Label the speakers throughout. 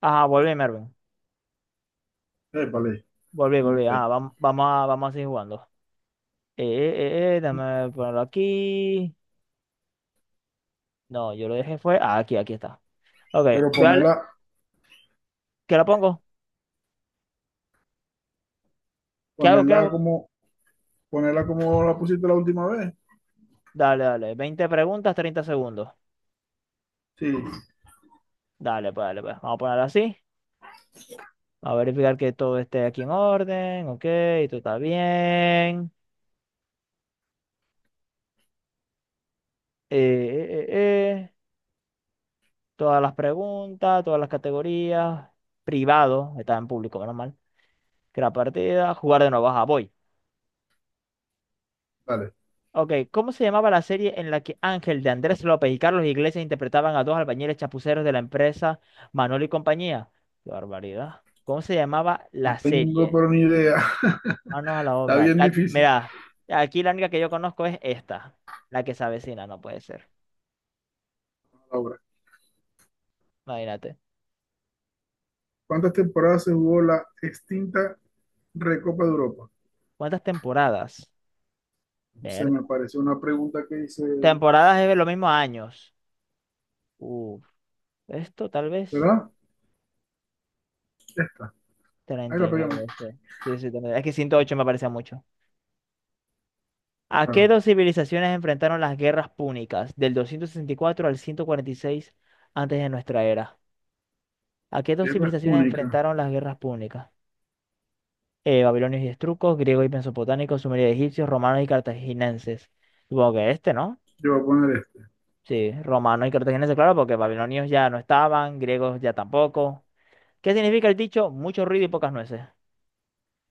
Speaker 1: Ah, volví, Mervin.
Speaker 2: Vale,
Speaker 1: Volví,
Speaker 2: ¿cómo
Speaker 1: volví.
Speaker 2: está ahí?
Speaker 1: Ah, vamos a seguir jugando. Eh, déjame ponerlo aquí. No, yo lo dejé fue. Ah, aquí, aquí está. Ok,
Speaker 2: Pero
Speaker 1: voy a darle-
Speaker 2: ponerla,
Speaker 1: ¿qué lo pongo? ¿Qué hago? ¿Qué
Speaker 2: ponerla
Speaker 1: hago?
Speaker 2: como, ponerla como la pusiste la última vez.
Speaker 1: Dale, dale. 20 preguntas, 30 segundos.
Speaker 2: Sí,
Speaker 1: Dale, pues, dale, pues. Vamos a ponerlo así. A verificar que todo esté aquí en orden. Ok, todo está bien. Eh, eh, eh, eh. Todas las preguntas, todas las categorías. Privado, está en público, menos mal. Crear partida, jugar de nuevo. Ajá, voy.
Speaker 2: vale.
Speaker 1: Ok, ¿cómo se llamaba la serie en la que Ángel de Andrés López y Carlos Iglesias interpretaban a dos albañiles chapuceros de la empresa Manuel y compañía? Qué barbaridad. ¿Cómo se llamaba
Speaker 2: No
Speaker 1: la
Speaker 2: tengo
Speaker 1: serie?
Speaker 2: pero ni idea.
Speaker 1: Manos a la
Speaker 2: Está
Speaker 1: obra.
Speaker 2: bien
Speaker 1: La,
Speaker 2: difícil
Speaker 1: mira, aquí la única que yo conozco es esta, la que se avecina, no puede ser.
Speaker 2: ahora.
Speaker 1: Imagínate.
Speaker 2: ¿Cuántas temporadas se jugó la extinta Recopa de Europa?
Speaker 1: ¿Cuántas temporadas?
Speaker 2: Se
Speaker 1: Ver.
Speaker 2: me parece una pregunta que hice,
Speaker 1: Temporadas es lo mismo a años. Uf, esto tal vez
Speaker 2: ¿verdad? Esta. Ahí la pegamos.
Speaker 1: 39, sí. Sí, sí, 39. Es que 108 me parece mucho. ¿A qué
Speaker 2: Claro.
Speaker 1: dos civilizaciones enfrentaron las guerras púnicas del 264 al 146 antes de nuestra era? ¿A qué dos
Speaker 2: Guerra es
Speaker 1: civilizaciones
Speaker 2: Púnica.
Speaker 1: enfrentaron las guerras púnicas? Babilonios y estrucos, griegos y mesopotámicos, sumerios y egipcios, romanos y cartaginenses. Supongo que este, ¿no?
Speaker 2: Yo voy a poner este.
Speaker 1: Sí, romanos y cartaginenses, claro, porque babilonios ya no estaban, griegos ya tampoco. ¿Qué significa el dicho? Mucho ruido y pocas nueces.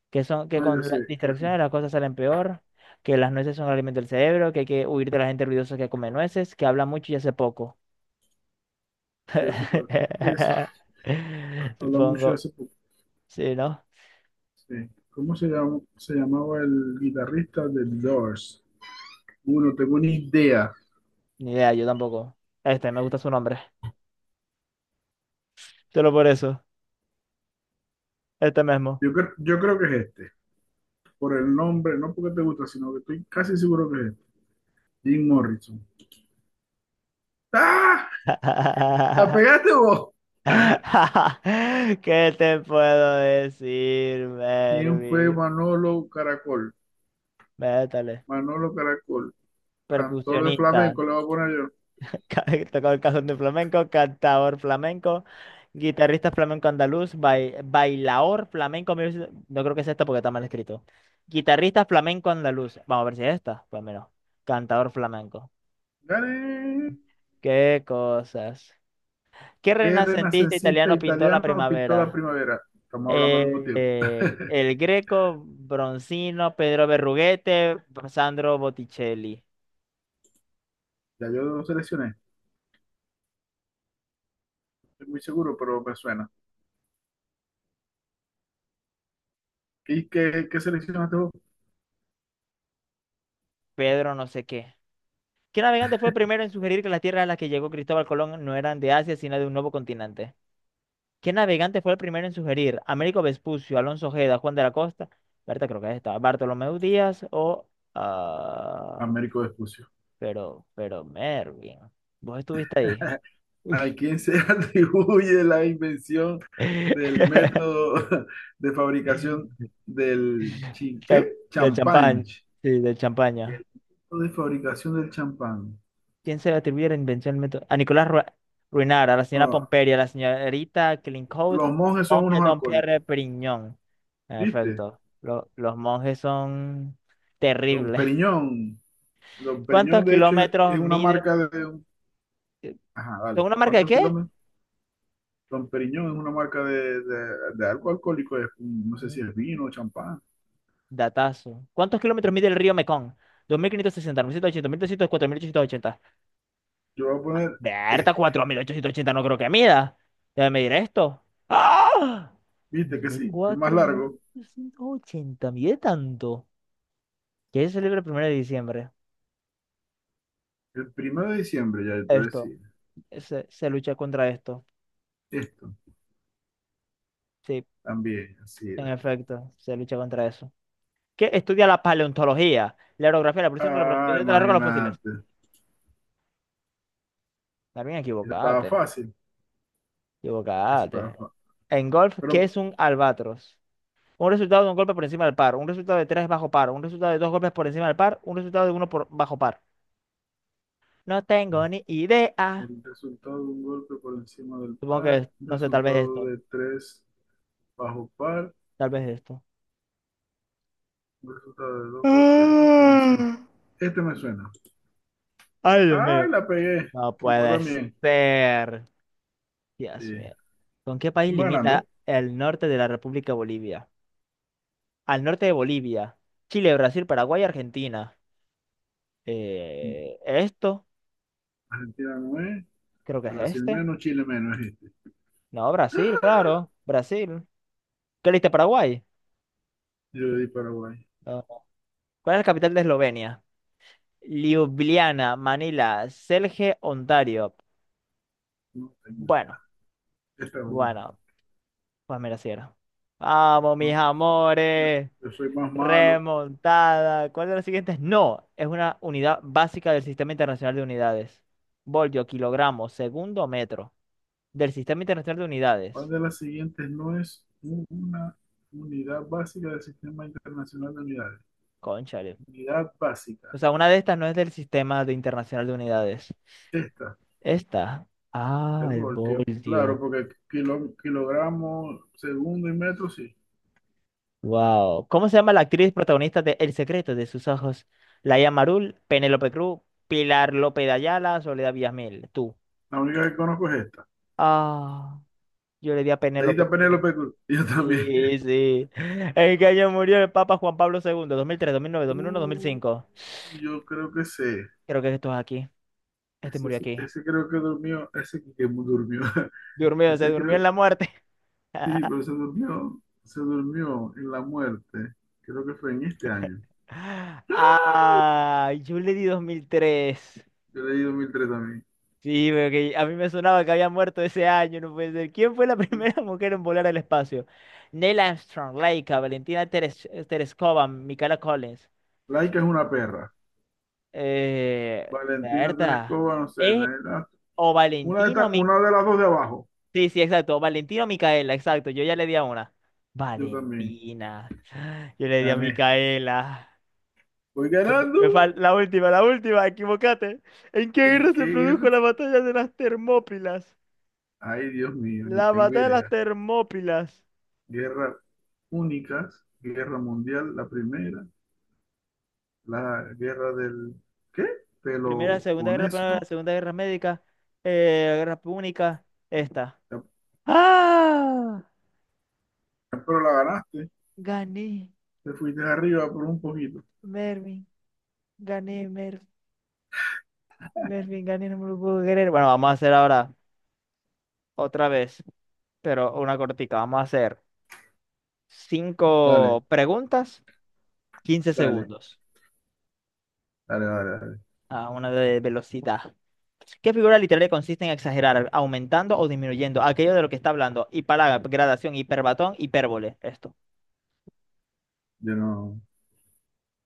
Speaker 1: Que son, que
Speaker 2: Ah, yo
Speaker 1: con las
Speaker 2: sé que es.
Speaker 1: distracciones las cosas salen peor que las nueces son el alimento del cerebro, que hay que huir de la gente ruidosa que come nueces, que habla mucho y hace poco.
Speaker 2: Yo sé cuál. Es. Habla mucho de
Speaker 1: Supongo.
Speaker 2: hace poco.
Speaker 1: Sí, ¿no?
Speaker 2: Sí. ¿Cómo se llama, se llamaba el guitarrista de Doors? No tengo ni idea.
Speaker 1: Ni idea, yo tampoco. Este, me gusta su nombre. Solo por eso. Este mismo.
Speaker 2: Yo creo que es este. Por el nombre, no porque te gusta, sino que estoy casi seguro que es este. Jim Morrison. ¡Ah! ¿La pegaste vos?
Speaker 1: ¿Qué te puedo decir,
Speaker 2: ¿Quién fue
Speaker 1: Mervi?
Speaker 2: Manolo Caracol?
Speaker 1: Métale.
Speaker 2: Manolo Caracol, cantor de
Speaker 1: Percusionista.
Speaker 2: flamenco, le voy a poner yo.
Speaker 1: Ca- Tocó el cajón de flamenco, cantador flamenco, guitarrista flamenco andaluz, bailaor flamenco. No creo que sea esta porque está mal escrito. Guitarrista flamenco andaluz. Vamos a ver si es esta. Pues menos. Cantador flamenco.
Speaker 2: ¡Gané!
Speaker 1: Qué cosas. ¿Qué
Speaker 2: ¿Qué
Speaker 1: renacentista
Speaker 2: renacentista
Speaker 1: italiano pintó la
Speaker 2: italiano pintó la
Speaker 1: primavera?
Speaker 2: primavera? Estamos hablando al mismo tiempo.
Speaker 1: El Greco, Bronzino, Pedro Berruguete, Sandro Botticelli,
Speaker 2: Ya yo lo seleccioné, estoy muy seguro, pero me suena. ¿Qué seleccionaste vos?
Speaker 1: Pedro no sé qué. ¿Qué navegante fue el primero en sugerir que las tierras a las que llegó Cristóbal Colón no eran de Asia, sino de un nuevo continente? ¿Qué navegante fue el primero en sugerir? ¿Américo Vespucio, Alonso Ojeda, Juan de la Costa? Berta, creo que es esta. ¿Bartolomé Díaz o... ah,
Speaker 2: Américo Vespucio.
Speaker 1: Mervin, vos estuviste ahí.
Speaker 2: ¿A quién se atribuye la invención del método de fabricación del
Speaker 1: Cha-
Speaker 2: ¿qué?
Speaker 1: Del
Speaker 2: ¿champán?
Speaker 1: champán, sí, del
Speaker 2: El
Speaker 1: champaña.
Speaker 2: método de fabricación del champán.
Speaker 1: ¿Quién se le atribuye la invención del método? A Nicolás Ruinart, a la señora
Speaker 2: Ah,
Speaker 1: Pomperia, a la señorita Clincoat,
Speaker 2: los monjes son
Speaker 1: monje
Speaker 2: unos
Speaker 1: Don Pierre
Speaker 2: alcohólicos,
Speaker 1: Perignon. En
Speaker 2: ¿viste?
Speaker 1: efecto, los monjes son
Speaker 2: Don
Speaker 1: terribles.
Speaker 2: Periñón. Don
Speaker 1: ¿Cuántos
Speaker 2: Periñón, de hecho, es,
Speaker 1: kilómetros
Speaker 2: es una
Speaker 1: mide?
Speaker 2: marca de... un- Ajá,
Speaker 1: ¿Son
Speaker 2: vale.
Speaker 1: una marca de
Speaker 2: ¿Cuántos
Speaker 1: qué?
Speaker 2: kilómetros? Don Periñón es una marca de algo alcohólico. No sé
Speaker 1: Un
Speaker 2: si es vino o champán.
Speaker 1: datazo. ¿Cuántos kilómetros mide el río Mekong? Dos mil quinientos sesenta, mil setecientos ochenta, 2.560, 1.780, 1.300, 4.880.
Speaker 2: Yo voy a poner,
Speaker 1: Berta,
Speaker 2: eh,
Speaker 1: 4.880 no creo que mida. Debe medir esto. ¡Ah!
Speaker 2: ¿viste que
Speaker 1: Miré
Speaker 2: sí? El más
Speaker 1: cuatro mil
Speaker 2: largo.
Speaker 1: doscientos ochenta miré tanto. ¿Qué se celebra el primero de diciembre?
Speaker 2: El 1 de diciembre, ya yo te
Speaker 1: Esto,
Speaker 2: decía.
Speaker 1: se lucha contra esto.
Speaker 2: Esto
Speaker 1: Sí,
Speaker 2: también, así
Speaker 1: en
Speaker 2: era.
Speaker 1: efecto, se lucha contra eso. ¿Qué estudia la paleontología, la orografía, la presión de la
Speaker 2: Ah,
Speaker 1: protección de las rocas, los fósiles?
Speaker 2: imagínate.
Speaker 1: También
Speaker 2: Eso estaba
Speaker 1: equivocate,
Speaker 2: fácil. Eso estaba
Speaker 1: equivocate.
Speaker 2: fácil.
Speaker 1: En golf, ¿qué
Speaker 2: Pero
Speaker 1: es un albatros? Un resultado de un golpe por encima del par, un resultado de tres bajo par, un resultado de dos golpes por encima del par, un resultado de uno por bajo par. No tengo
Speaker 2: no.
Speaker 1: ni idea.
Speaker 2: El resultado de un golpe por encima del
Speaker 1: Supongo
Speaker 2: par,
Speaker 1: que,
Speaker 2: un
Speaker 1: no sé, tal vez
Speaker 2: resultado
Speaker 1: esto,
Speaker 2: de tres bajo par,
Speaker 1: tal vez esto.
Speaker 2: un resultado de dos golpes por
Speaker 1: Ah,
Speaker 2: encima. Este me suena.
Speaker 1: ay, Dios
Speaker 2: ¡Ay,
Speaker 1: mío.
Speaker 2: la pegué!
Speaker 1: No
Speaker 2: Y vos
Speaker 1: puede
Speaker 2: también.
Speaker 1: ser. Dios
Speaker 2: Sí.
Speaker 1: mío. ¿Con qué
Speaker 2: Y
Speaker 1: país
Speaker 2: va
Speaker 1: limita
Speaker 2: ganando.
Speaker 1: el norte de la República Bolivia? Al norte de Bolivia. Chile, Brasil, Paraguay, Argentina. ¿Esto?
Speaker 2: Argentina no es.
Speaker 1: Creo que es
Speaker 2: Brasil
Speaker 1: este.
Speaker 2: menos, Chile menos. Es este.
Speaker 1: No, Brasil, claro. Brasil. ¿Qué leíste, Paraguay?
Speaker 2: Yo le di Paraguay.
Speaker 1: No. ¿Cuál es la capital de Eslovenia? Ljubljana, Manila, Celje, Ontario.
Speaker 2: No tengo idea.
Speaker 1: Bueno,
Speaker 2: Esta es buena.
Speaker 1: bueno. Pues mira, si era. Vamos, mis
Speaker 2: No,
Speaker 1: amores.
Speaker 2: yo soy más malo.
Speaker 1: Remontada. ¿Cuál de los siguientes? No, es una unidad básica del Sistema Internacional de Unidades. Voltio, kilogramo, segundo, metro. Del Sistema Internacional de
Speaker 2: ¿Cuál
Speaker 1: Unidades.
Speaker 2: de las siguientes no es una unidad básica del Sistema Internacional de Unidades?
Speaker 1: Cónchale.
Speaker 2: Unidad
Speaker 1: O
Speaker 2: básica.
Speaker 1: sea, una de estas no es del Sistema de Internacional de Unidades.
Speaker 2: Esta,
Speaker 1: Esta. Ah,
Speaker 2: el
Speaker 1: el
Speaker 2: voltio. Claro,
Speaker 1: voltio.
Speaker 2: porque kilo, kilogramo, segundo y metro, sí.
Speaker 1: Wow. ¿Cómo se llama la actriz protagonista de El secreto de sus ojos? Laia Marul, Penélope Cruz, Pilar López de Ayala, Soledad Villamil. Tú.
Speaker 2: La única que conozco es esta.
Speaker 1: Ah, yo le di a
Speaker 2: Le diste a
Speaker 1: Penélope Cruz.
Speaker 2: Penélope Cruz. Yo también.
Speaker 1: Sí, sí. ¿En qué año murió el Papa Juan Pablo II? 2003, 2009, 2001,
Speaker 2: Uh,
Speaker 1: 2005.
Speaker 2: yo creo que sé.
Speaker 1: Creo que esto es aquí. Este murió
Speaker 2: Ese,
Speaker 1: aquí.
Speaker 2: ese creo que durmió. Ese que durmió.
Speaker 1: Durmió, se
Speaker 2: Ese
Speaker 1: durmió en
Speaker 2: creo.
Speaker 1: la muerte.
Speaker 2: Sí, pero se durmió. Se durmió en la muerte. Creo que fue en este año. ¡Ah!
Speaker 1: Ah, yo le di 2003.
Speaker 2: Yo leí 2003 también.
Speaker 1: Sí, porque a mí me sonaba que había muerto ese año, no puede ser. ¿Quién fue la primera mujer en volar al espacio? Neil Armstrong, Laika, Valentina Tereskova, Michaela Collins.
Speaker 2: Laika es una perra. Valentina
Speaker 1: Berta.
Speaker 2: Terescova, no sé.
Speaker 1: ¿Es o
Speaker 2: Una de,
Speaker 1: Valentina o
Speaker 2: estas-
Speaker 1: Micaela?
Speaker 2: una de las dos de abajo.
Speaker 1: Sí, sí, exacto. Valentina o Micaela, exacto. Yo ya le di a una.
Speaker 2: Yo también.
Speaker 1: Valentina. Yo le di a
Speaker 2: Gané.
Speaker 1: Micaela.
Speaker 2: Voy ganando.
Speaker 1: Me la última, la última, equivocate. ¿En qué
Speaker 2: ¿En
Speaker 1: guerra
Speaker 2: qué
Speaker 1: se produjo
Speaker 2: guerra?
Speaker 1: la batalla de las Termópilas?
Speaker 2: Ay, Dios mío, ni
Speaker 1: La
Speaker 2: tengo
Speaker 1: batalla de las
Speaker 2: idea.
Speaker 1: Termópilas.
Speaker 2: Guerras únicas, guerra mundial, la primera, la guerra del, ¿qué?
Speaker 1: Primera,
Speaker 2: Peloponeso.
Speaker 1: Segunda Guerra Médica, Guerra Púnica, esta.
Speaker 2: Ya-
Speaker 1: ¡Ah!
Speaker 2: Pero la ganaste.
Speaker 1: Gané,
Speaker 2: Te fuiste arriba por un poquito.
Speaker 1: Mervin. Gané, Mervin, gané, no me lo puedo creer. Bueno, vamos a hacer ahora otra vez. Pero una cortica. Vamos a hacer cinco
Speaker 2: Dale,
Speaker 1: preguntas, 15
Speaker 2: dale,
Speaker 1: segundos.
Speaker 2: dale, dale, dale.
Speaker 1: A una de velocidad. ¿Qué figura literaria consiste en exagerar, aumentando o disminuyendo aquello de lo que está hablando? Hipálaga, gradación, hiperbatón, hipérbole. Esto,
Speaker 2: Yo no,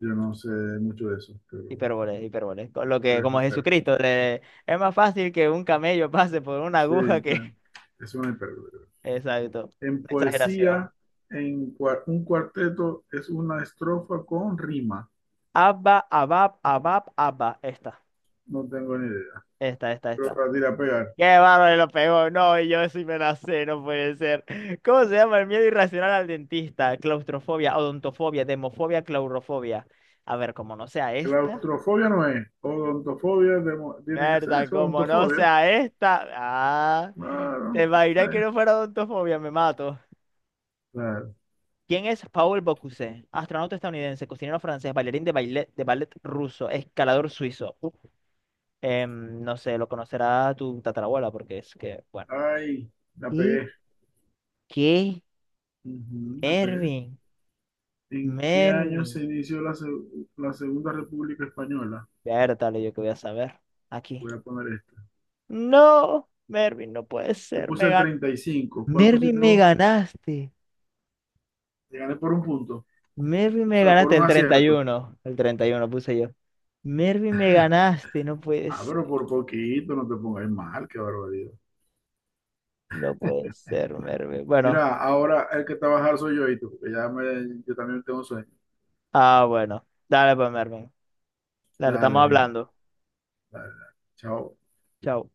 Speaker 2: yo no sé mucho de eso, pero,
Speaker 1: hipérbole, hipérbole. Con lo que,
Speaker 2: pero es
Speaker 1: como
Speaker 2: mi perro.
Speaker 1: Jesucristo, es más fácil que un camello pase por una
Speaker 2: Sí,
Speaker 1: aguja que...
Speaker 2: bueno, es una imperdible.
Speaker 1: Exacto,
Speaker 2: En
Speaker 1: una exageración.
Speaker 2: poesía, un cuarteto es una estrofa con rima.
Speaker 1: Abba, abab, abab, abba. Esta,
Speaker 2: No tengo ni idea.
Speaker 1: esta, esta, esta.
Speaker 2: Pero la tira a pegar.
Speaker 1: Qué bárbaro, lo pegó. No, yo sí me la sé, no puede ser. ¿Cómo se llama el miedo irracional al dentista? Claustrofobia, odontofobia, demofobia, claurofobia. A ver, como no sea esta.
Speaker 2: Claustrofobia no es. Odontofobia demo- tiene que ser
Speaker 1: Verdad,
Speaker 2: eso.
Speaker 1: como no
Speaker 2: Odontofobia.
Speaker 1: sea esta. Ah, te
Speaker 2: Claro, pues
Speaker 1: imaginas que no fuera odontofobia, me mato.
Speaker 2: Claro.
Speaker 1: ¿Quién es Paul Bocuse? Astronauta estadounidense, cocinero francés, bailarín de ballet ruso, escalador suizo. Uf. No sé, lo conocerá tu tatarabuela porque es que, bueno.
Speaker 2: Ay, la
Speaker 1: ¿Y
Speaker 2: pegué.
Speaker 1: qué?
Speaker 2: Ujú, la pegué.
Speaker 1: Mervin.
Speaker 2: ¿En qué año
Speaker 1: Mervin.
Speaker 2: se inició la Segunda República Española?
Speaker 1: Vértale, yo que voy a saber. Aquí.
Speaker 2: Voy a poner esta.
Speaker 1: No, Mervin, no puede
Speaker 2: Te
Speaker 1: ser.
Speaker 2: puse
Speaker 1: Me
Speaker 2: el
Speaker 1: gan...
Speaker 2: 35. ¿Cuál
Speaker 1: Mervin,
Speaker 2: pusiste
Speaker 1: me
Speaker 2: vos?
Speaker 1: ganaste.
Speaker 2: Te gané por un punto.
Speaker 1: Mervin,
Speaker 2: O
Speaker 1: me
Speaker 2: sea, por
Speaker 1: ganaste
Speaker 2: un
Speaker 1: el treinta y
Speaker 2: acierto.
Speaker 1: uno, el 31 puse yo. Mervin, me ganaste. No
Speaker 2: Ah,
Speaker 1: puedes.
Speaker 2: pero por poquito, no te pongas mal, qué barbaridad.
Speaker 1: No puede ser, Mervin. Bueno.
Speaker 2: Mira, ahora el que trabajar soy yo y tú, porque yo también tengo sueño.
Speaker 1: Ah, bueno. Dale pues, Mervin. Dale, estamos
Speaker 2: Dale, mijo,
Speaker 1: hablando.
Speaker 2: dale, dale. Chao.
Speaker 1: Chao.